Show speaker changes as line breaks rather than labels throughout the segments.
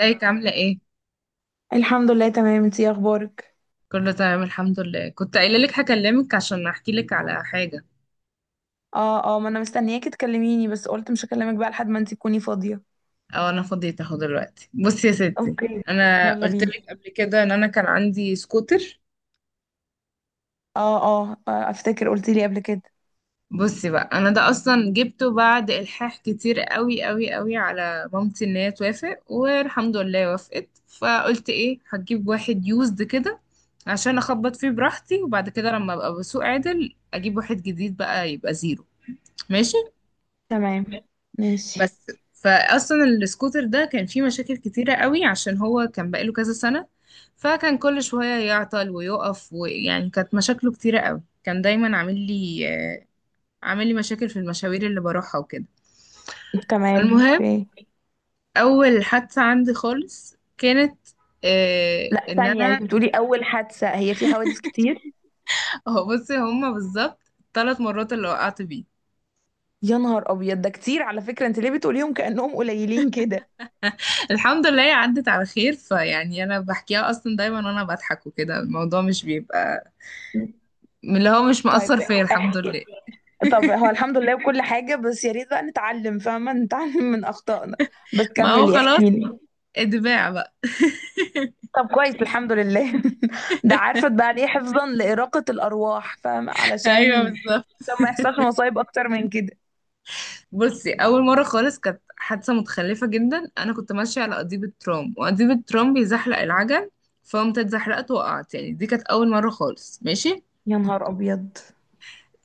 ازيك عاملة ايه؟
الحمد لله، تمام. انتي ايه اخبارك؟
كله تمام الحمد لله. كنت قايلة لك هكلمك عشان احكي لك على حاجة.
اه اه، ما انا مستنياكي تكلميني، بس قلت مش هكلمك بقى لحد ما انتي تكوني فاضية.
او انا فضيت اهو دلوقتي. بصي يا ستي،
اوكي.
انا
يلا
قلت
بينا.
لك قبل كده ان انا كان عندي سكوتر.
اه اه اه، افتكر قلتي لي قبل كده.
بصي بقى، انا ده اصلا جبته بعد الحاح كتير قوي قوي قوي على مامتي ان هي توافق، والحمد لله وافقت. فقلت ايه، هجيب واحد يوزد كده عشان اخبط فيه براحتي، وبعد كده لما ابقى بسوق عادل اجيب واحد جديد بقى يبقى زيرو. ماشي.
تمام. ماشي.
بس فاصلا السكوتر ده كان فيه مشاكل كتيره قوي عشان هو كان بقاله كذا سنه. فكان كل شويه يعطل ويقف، ويعني كانت مشاكله كتيره قوي. كان دايما عامل لي مشاكل في المشاوير اللي بروحها وكده.
تمام،
فالمهم،
اوكي.
اول حادثه عندي خالص كانت آه
لا،
ان
ثانية،
انا
انت بتقولي اول حادثة؟ هي في حوادث كتير؟
هو بصي، هما بالظبط ثلاث مرات اللي وقعت بيه.
يا نهار ابيض، ده كتير على فكرة. انت ليه بتقوليهم كأنهم قليلين كده؟
الحمد لله هي عدت على خير، فيعني انا بحكيها اصلا دايما وانا بضحك وكده. الموضوع مش بيبقى اللي هو مش
طيب.
مقصر فيا، الحمد
احكي.
لله.
طب هو الحمد لله وكل حاجة، بس يا ريت بقى نتعلم، فاهمة؟ نتعلم من اخطائنا. بس
ما هو
كملي،
خلاص،
احكي لي.
اتباع بقى.
طب كويس، الحمد لله. ده عارفة بقى ليه؟ حفظا لإراقة الأرواح، فاهمة؟
ايوه
علشان
بالظبط.
عشان ما يحصلش مصايب أكتر من كده.
بصي، اول مره خالص كانت حادثه متخلفه جدا. انا كنت ماشيه على قضيب الترام، وقضيب الترام بيزحلق العجل. فقمت اتزحلقت وقعت. يعني دي كانت اول مره خالص. ماشي.
يا نهار أبيض.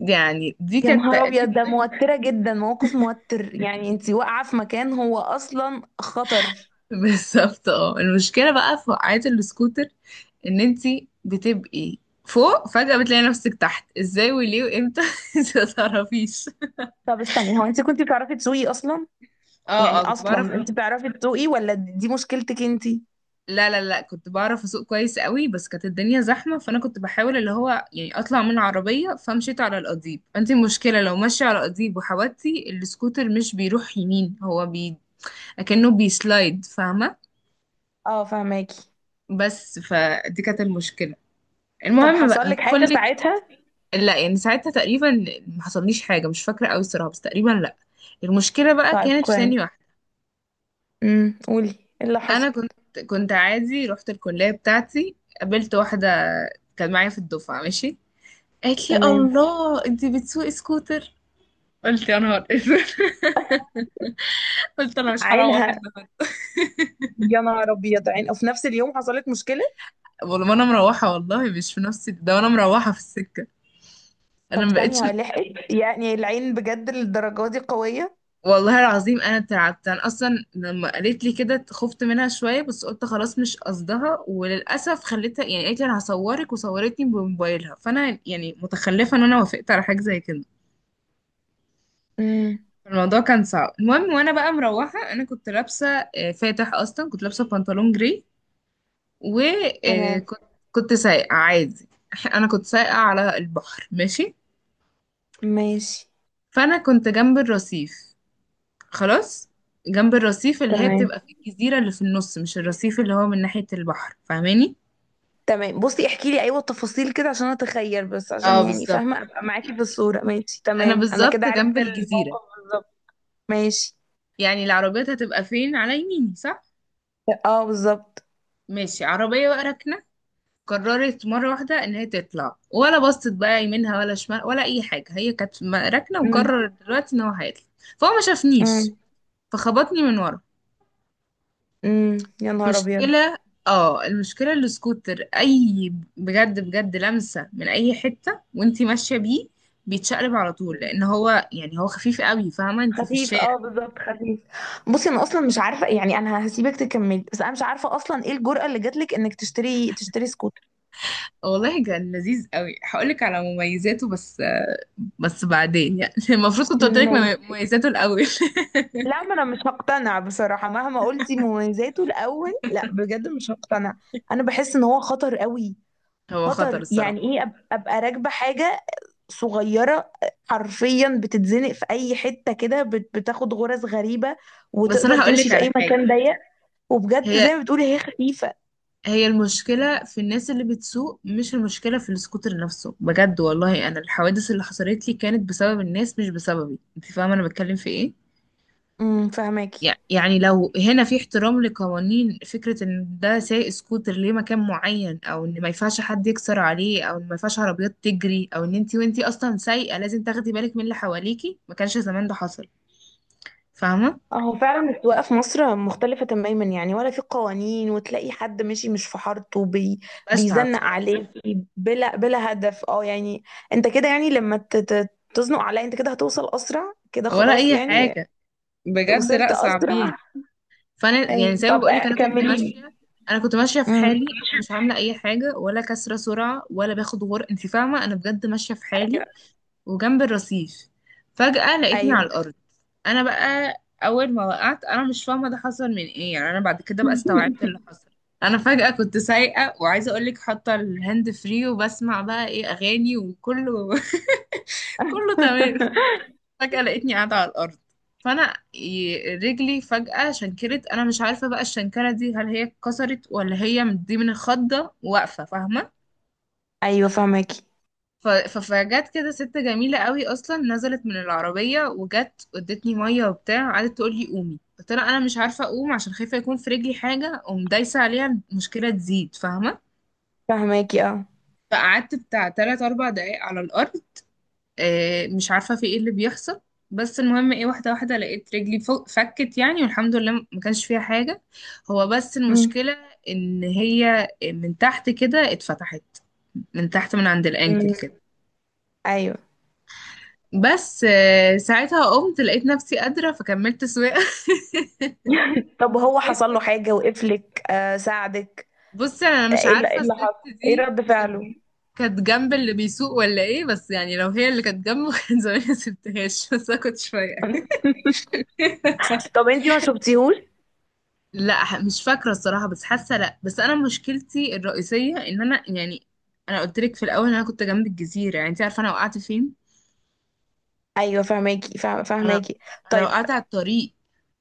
يعني دي
يا
كانت
نهار أبيض، ده
تقريبا
موترة جدا، موقف موتر. يعني انتي واقعة في مكان هو أصلا خطر.
بالظبط. اه المشكله بقى في وقعات السكوتر ان انتي بتبقي فوق، فجأة بتلاقي نفسك تحت ازاي وليه وامتى انت ما تعرفيش.
طب استني، هو انتي كنتي بتعرفي تسوقي أصلا؟
اه
يعني
اه كنت بعرف.
أصلا انتي بتعرفي تسوقي، ولا دي مشكلتك انتي؟
لا لا لا كنت بعرف اسوق كويس قوي. بس كانت الدنيا زحمه، فانا كنت بحاول اللي هو يعني اطلع من العربيه، فمشيت على القضيب. انت المشكله لو ماشيه على القضيب وحودتي، السكوتر مش بيروح يمين، هو اكنه بيسلايد، فاهمه.
اه، فهماكي.
بس فدي كانت المشكله.
طب
المهم بقى
حصل لك حاجة
هدخلك.
ساعتها؟
لا يعني ساعتها تقريبا ما حصليش حاجه، مش فاكره قوي الصراحه، بس تقريبا لا. المشكله بقى
طيب
كانت في
كويس.
ثانيه واحده.
قولي ايه اللي حصل.
انا كنت عادي رحت الكليه بتاعتي. قابلت واحده كانت معايا في الدفعه. ماشي. قالت لي
تمام.
الله، انت بتسوقي سكوتر؟ قلت يا نهار اسود قلت انا مش هروح
عينها.
النهارده.
يا نهار ابيض، عين؟ وفي نفس اليوم حصلت مشكله.
والله ما انا مروحه، والله مش في نفسي ده وانا مروحه في السكه. انا
طب
ما بقتش.
ثانيه لحقت؟ يعني العين بجد للدرجه دي قويه؟
والله العظيم انا اترعبت. انا اصلا لما قالت لي كده خفت منها شويه، بس قلت خلاص مش قصدها. وللاسف خليتها، يعني قالت لي انا هصورك وصورتني بموبايلها. فانا يعني متخلفه ان انا وافقت على حاجه زي كده.
امم.
الموضوع كان صعب. المهم وانا بقى مروحه، انا كنت لابسه فاتح اصلا، كنت لابسه بنطلون جري.
تمام.
وكنت سايقة عادي انا كنت سايقة على البحر. ماشي.
ماشي.
فانا كنت جنب الرصيف. خلاص، جنب الرصيف اللي هي
تمام.
بتبقى في الجزيرة اللي في النص، مش الرصيف اللي هو من ناحية البحر، فاهماني.
تمام، بصي احكي لي، ايوه التفاصيل كده عشان اتخيل، بس
اه
عشان يعني
بالظبط،
فاهمه ابقى معاكي في الصوره. ماشي،
انا
تمام، انا كده
بالظبط
عرفت
جنب الجزيرة.
الموقف بالظبط. ماشي.
يعني العربيات هتبقى فين على يميني، صح.
اه، بالظبط.
ماشي، عربية بقى راكنة. قررت مرة واحدة ان هي تطلع، ولا بصت بقى يمينها ولا شمال ولا اي حاجة. هي كانت راكنة
امم.
وقررت دلوقتي ان هو هيطلع. فهو ما شافنيش،
امم.
فخبطني من ورا.
امم، يا نهار ابيض.
مشكلة. اه المشكلة السكوتر اي، بجد بجد لمسة من اي حتة وانتي ماشية بيه بيتشقلب على طول، لان هو يعني هو خفيف قوي، فاهمة انتي في
خفيف،
الشارع.
اه بالظبط، خفيف. بصي، انا اصلا مش عارفه، يعني انا هسيبك تكملي، بس انا مش عارفه اصلا ايه الجرأة اللي جاتلك انك تشتري سكوت.
والله كان لذيذ قوي. هقولك على مميزاته. بس بعدين يعني المفروض كنت قلتلك
ماشي.
مميزاته الاول.
لا، ما انا مش هقتنع بصراحة، مهما قلتي مميزاته الاول. لا بجد، مش هقتنع. انا بحس ان هو خطر قوي.
هو خطر
خطر، يعني
الصراحة.
ايه ابقى راكبة حاجة صغيرة. حرفيا بتتزنق في اي حتة كده، بتاخد غرز غريبة.
بس
وتقدر
انا
تمشي
هقولك
في
على
اي
حاجة.
مكان ضيق. وبجد
هي
زي ما بتقولي هي خفيفة.
هي المشكلة في الناس اللي بتسوق، مش المشكلة في السكوتر نفسه، بجد والله. أنا الحوادث اللي حصلت لي كانت بسبب الناس مش بسببي، أنت فاهمة أنا بتكلم في إيه؟
امم، فهماكي.
يعني لو هنا في احترام لقوانين، فكرة إن ده سايق سكوتر ليه مكان معين، أو إن ما ينفعش حد يكسر عليه، أو إن ما ينفعش عربيات تجري، أو إن أنت وأنت أصلا سايقة لازم تاخدي بالك من اللي حواليكي، ما كانش زمان ده حصل. فاهمة؟
هو فعلا السواقة في مصر مختلفة تماما، يعني ولا في قوانين، وتلاقي حد ماشي مش في حارته بي.
بشعة
بيزنق
بصراحة.
عليك. بلا بلا هدف، اه يعني. انت كده يعني، لما تزنق عليا انت كده هتوصل اسرع كده؟
ولا
خلاص
أي
يعني.
حاجة، بجد
وصلت
لأ صعبين.
اسرع.
فانا يعني
ايوه،
زي ما
طب.
بقولك
كملي لي.
انا كنت ماشيه في
امم.
حالي. انا مش عامله اي حاجه، ولا كسره سرعه، ولا باخد انت فاهمه، انا بجد ماشيه في حالي. وجنب الرصيف فجاه لقيتني على
ايوه.
الارض. انا بقى اول ما وقعت انا مش فاهمه ده حصل من ايه. يعني انا بعد كده بقى استوعبت اللي حصل. انا فجاه كنت سايقه، وعايزه اقولك حاطه الهاند فري وبسمع بقى ايه اغاني وكله كله تمام. فجأة لقيتني قاعدة على الأرض. فأنا رجلي فجأة شنكرت. أنا مش عارفة بقى الشنكرة دي، هل هي اتكسرت ولا هي دي من الخضة واقفة، فاهمة.
ايوه، فهماكي،
فجت كده ست جميلة قوي، أصلا نزلت من العربية وجت ادتني مية وبتاع. قعدت تقول لي قومي، قلت لها أنا مش عارفة أقوم عشان خايفة يكون في رجلي حاجة أقوم دايسة عليها المشكلة تزيد، فاهمة.
فهماكي، اه.
فقعدت بتاع تلات أربع دقايق على الأرض، مش عارفة في ايه اللي بيحصل. بس المهم ايه، واحدة واحدة لقيت رجلي فكت يعني، والحمد لله ما كانش فيها حاجة. هو بس
امم.
المشكلة ان هي من تحت كده اتفتحت، من تحت من عند الانكل
أمم.
كده.
ايوه.
بس ساعتها قمت لقيت نفسي قادرة فكملت سواقة.
طب هو حصل له حاجة؟ وقفلك، آه ساعدك؟
بصي انا مش
ايه اللي إيه
عارفة
اللي
الست
حصل؟ ايه
دي،
رد
كانت
فعله؟
كانت جنب اللي بيسوق ولا ايه، بس يعني لو هي اللي كانت جنبه كان زماني ما سبتهاش، بس انا كنت شوية.
طب انتي ما شفتيهوش؟
لا مش فاكرة الصراحة، بس حاسة لا. بس أنا مشكلتي الرئيسية إن أنا يعني أنا قلت لك في الأول إن أنا كنت جنب الجزيرة، يعني أنت عارفة أنا وقعت فين؟
ايوه، فهماكي،
أنا
فهماكي.
أنا
طيب.
وقعت على الطريق،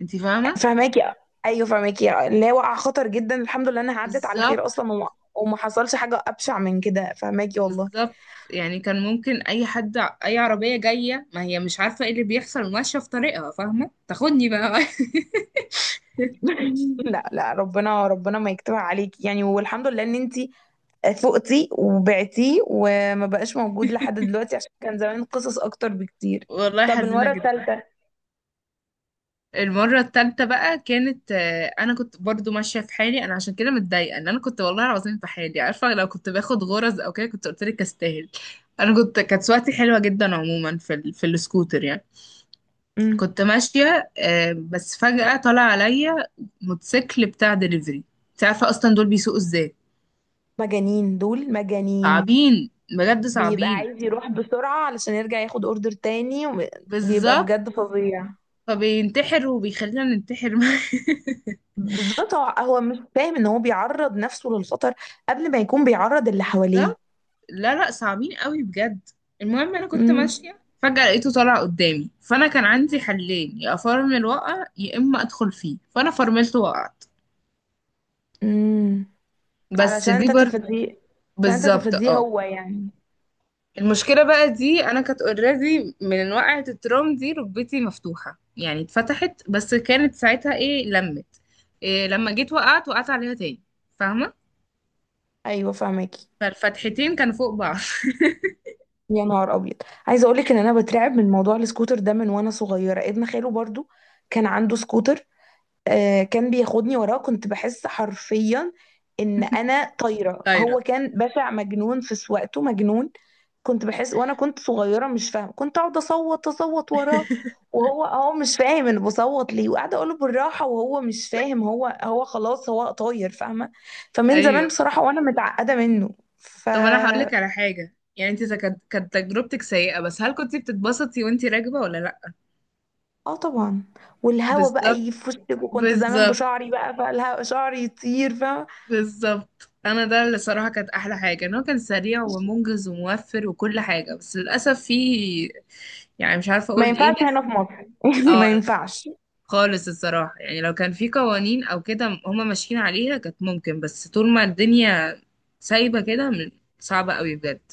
أنت فاهمة؟
فهماكي. ايوه، فهماكي، اللي هي وقع خطر جدا، الحمد لله انها عدت على
بالظبط
خير اصلا، وما حصلش حاجه ابشع من كده، فهماكي، والله.
بالظبط. يعني كان ممكن أي حد، أي عربية جاية ما هي مش عارفة إيه اللي بيحصل وماشية في طريقها، فاهمة؟ تاخدني بقى.
لا لا، ربنا ربنا ما يكتبها عليكي، يعني والحمد لله ان انتي فقتي وبعتيه، وما بقاش موجود لحد دلوقتي، عشان كان زمان قصص اكتر بكتير.
والله
طب
حزينة
المره
جدا.
الثالثه؟
المرة التالتة بقى كانت أنا كنت برضو ماشية في حالي. أنا عشان كده متضايقة إن أنا كنت والله العظيم في حالي، عارفة، لو كنت باخد غرز أو كده كنت قلت لك أستاهل. أنا كانت سواقتي حلوة جدا عموما في في السكوتر يعني. كنت ماشية بس فجأة طلع عليا موتوسيكل بتاع دليفري. أنت عارفة أصلا دول بيسوقوا إزاي.
مجانين، دول مجانين.
صعبين بجد
بيبقى
صعبين.
عايز يروح بسرعة علشان يرجع ياخد اوردر تاني بيبقى
بالظبط.
بجد فظيع.
فبينتحر وبيخلينا ننتحر معاه.
بالظبط، هو مش فاهم ان هو بيعرض نفسه للخطر قبل ما يكون بيعرض اللي حواليه.
بالظبط. لا لا صعبين قوي بجد. المهم انا كنت
امم.
ماشيه فجاه لقيته طالع قدامي. فانا كان عندي حلين، يا افرمل وقع يا اما ادخل فيه. فانا فرملت وقعت.
امم.
بس
علشان
دي برضه
تتفاديه. عشان
بالظبط.
تتفاديه،
اه
هو يعني.
المشكله بقى دي، انا كانت اوريدي من وقعه الترام دي ركبتي مفتوحه، يعني اتفتحت، بس كانت ساعتها ايه لمت، إيه لما جيت وقعت عليها تاني، فاهمه.
ايوه، فاهماكي.
فالفتحتين كانوا فوق بعض.
يا نهار ابيض. عايزه اقولك ان انا بترعب من موضوع السكوتر ده من وانا صغيره. ابن خاله برضو كان عنده سكوتر. كان بياخدني وراه، كنت بحس حرفيا ان انا طايره. هو
طايره.
كان بشع، مجنون في سواقته، مجنون. كنت بحس وانا كنت صغيره مش فاهمه، كنت اقعد اصوت اصوت وراه. وهو مش فاهم انا بصوت ليه، وقاعده اقوله بالراحه وهو مش فاهم، هو خلاص هو طاير، فاهمه؟ فمن زمان
ايوه
بصراحه، وانا متعقده منه
طب انا هقول لك على حاجه، يعني انت إذا كانت تجربتك سيئه، بس هل كنت بتتبسطي وانت راكبه ولا لا.
اه طبعا. والهوا بقى
بالظبط
يف وشك، وكنت زمان
بالظبط
بشعري، بقى فالهوا شعري يطير، فاهمه؟
بالظبط. انا ده اللي صراحه كانت احلى حاجه، ان هو كان سريع ومنجز وموفر وكل حاجه، بس للاسف فيه يعني مش عارفه
ما
اقول ايه
ينفعش
ناس.
هنا في مصر.
اه
ما
لا
ينفعش.
خالص الصراحه، يعني لو كان في قوانين او كده هما ماشيين عليها كانت ممكن. بس طول ما الدنيا سايبه كده صعبه قوي بجد.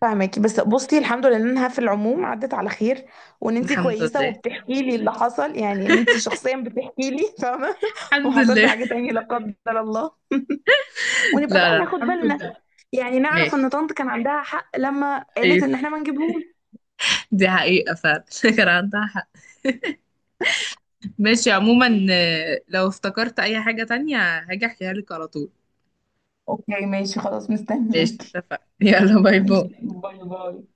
فاهمكِ، بس بُصي الحمد لله إنها في العموم عدّت على خير، وإن أنتِ
الحمد
كويسة
لله.
وبتحكي لي اللي حصل، يعني إن أنتِ شخصيًا بتحكي لي، فاهمة؟
الحمد
وما حصلش
لله.
حاجة تاني لا قدّر الله، ونبقى
لا
بقى
لا
ناخد
الحمد
بالنا،
لله.
يعني نعرف إن
ماشي.
طنط كان عندها حق لمّا قالت
أيوه،
إن إحنا ما نجيبهوش.
دي حقيقة فعلا كان عندها حق. ماشي عموما، لو افتكرت أي حاجة تانية هاجي أحكيها لك على طول.
أوكي، ماشي، خلاص، مستنياكِ.
ماشي اتفقنا يلا باي
ماشي.
باي.
باي باي.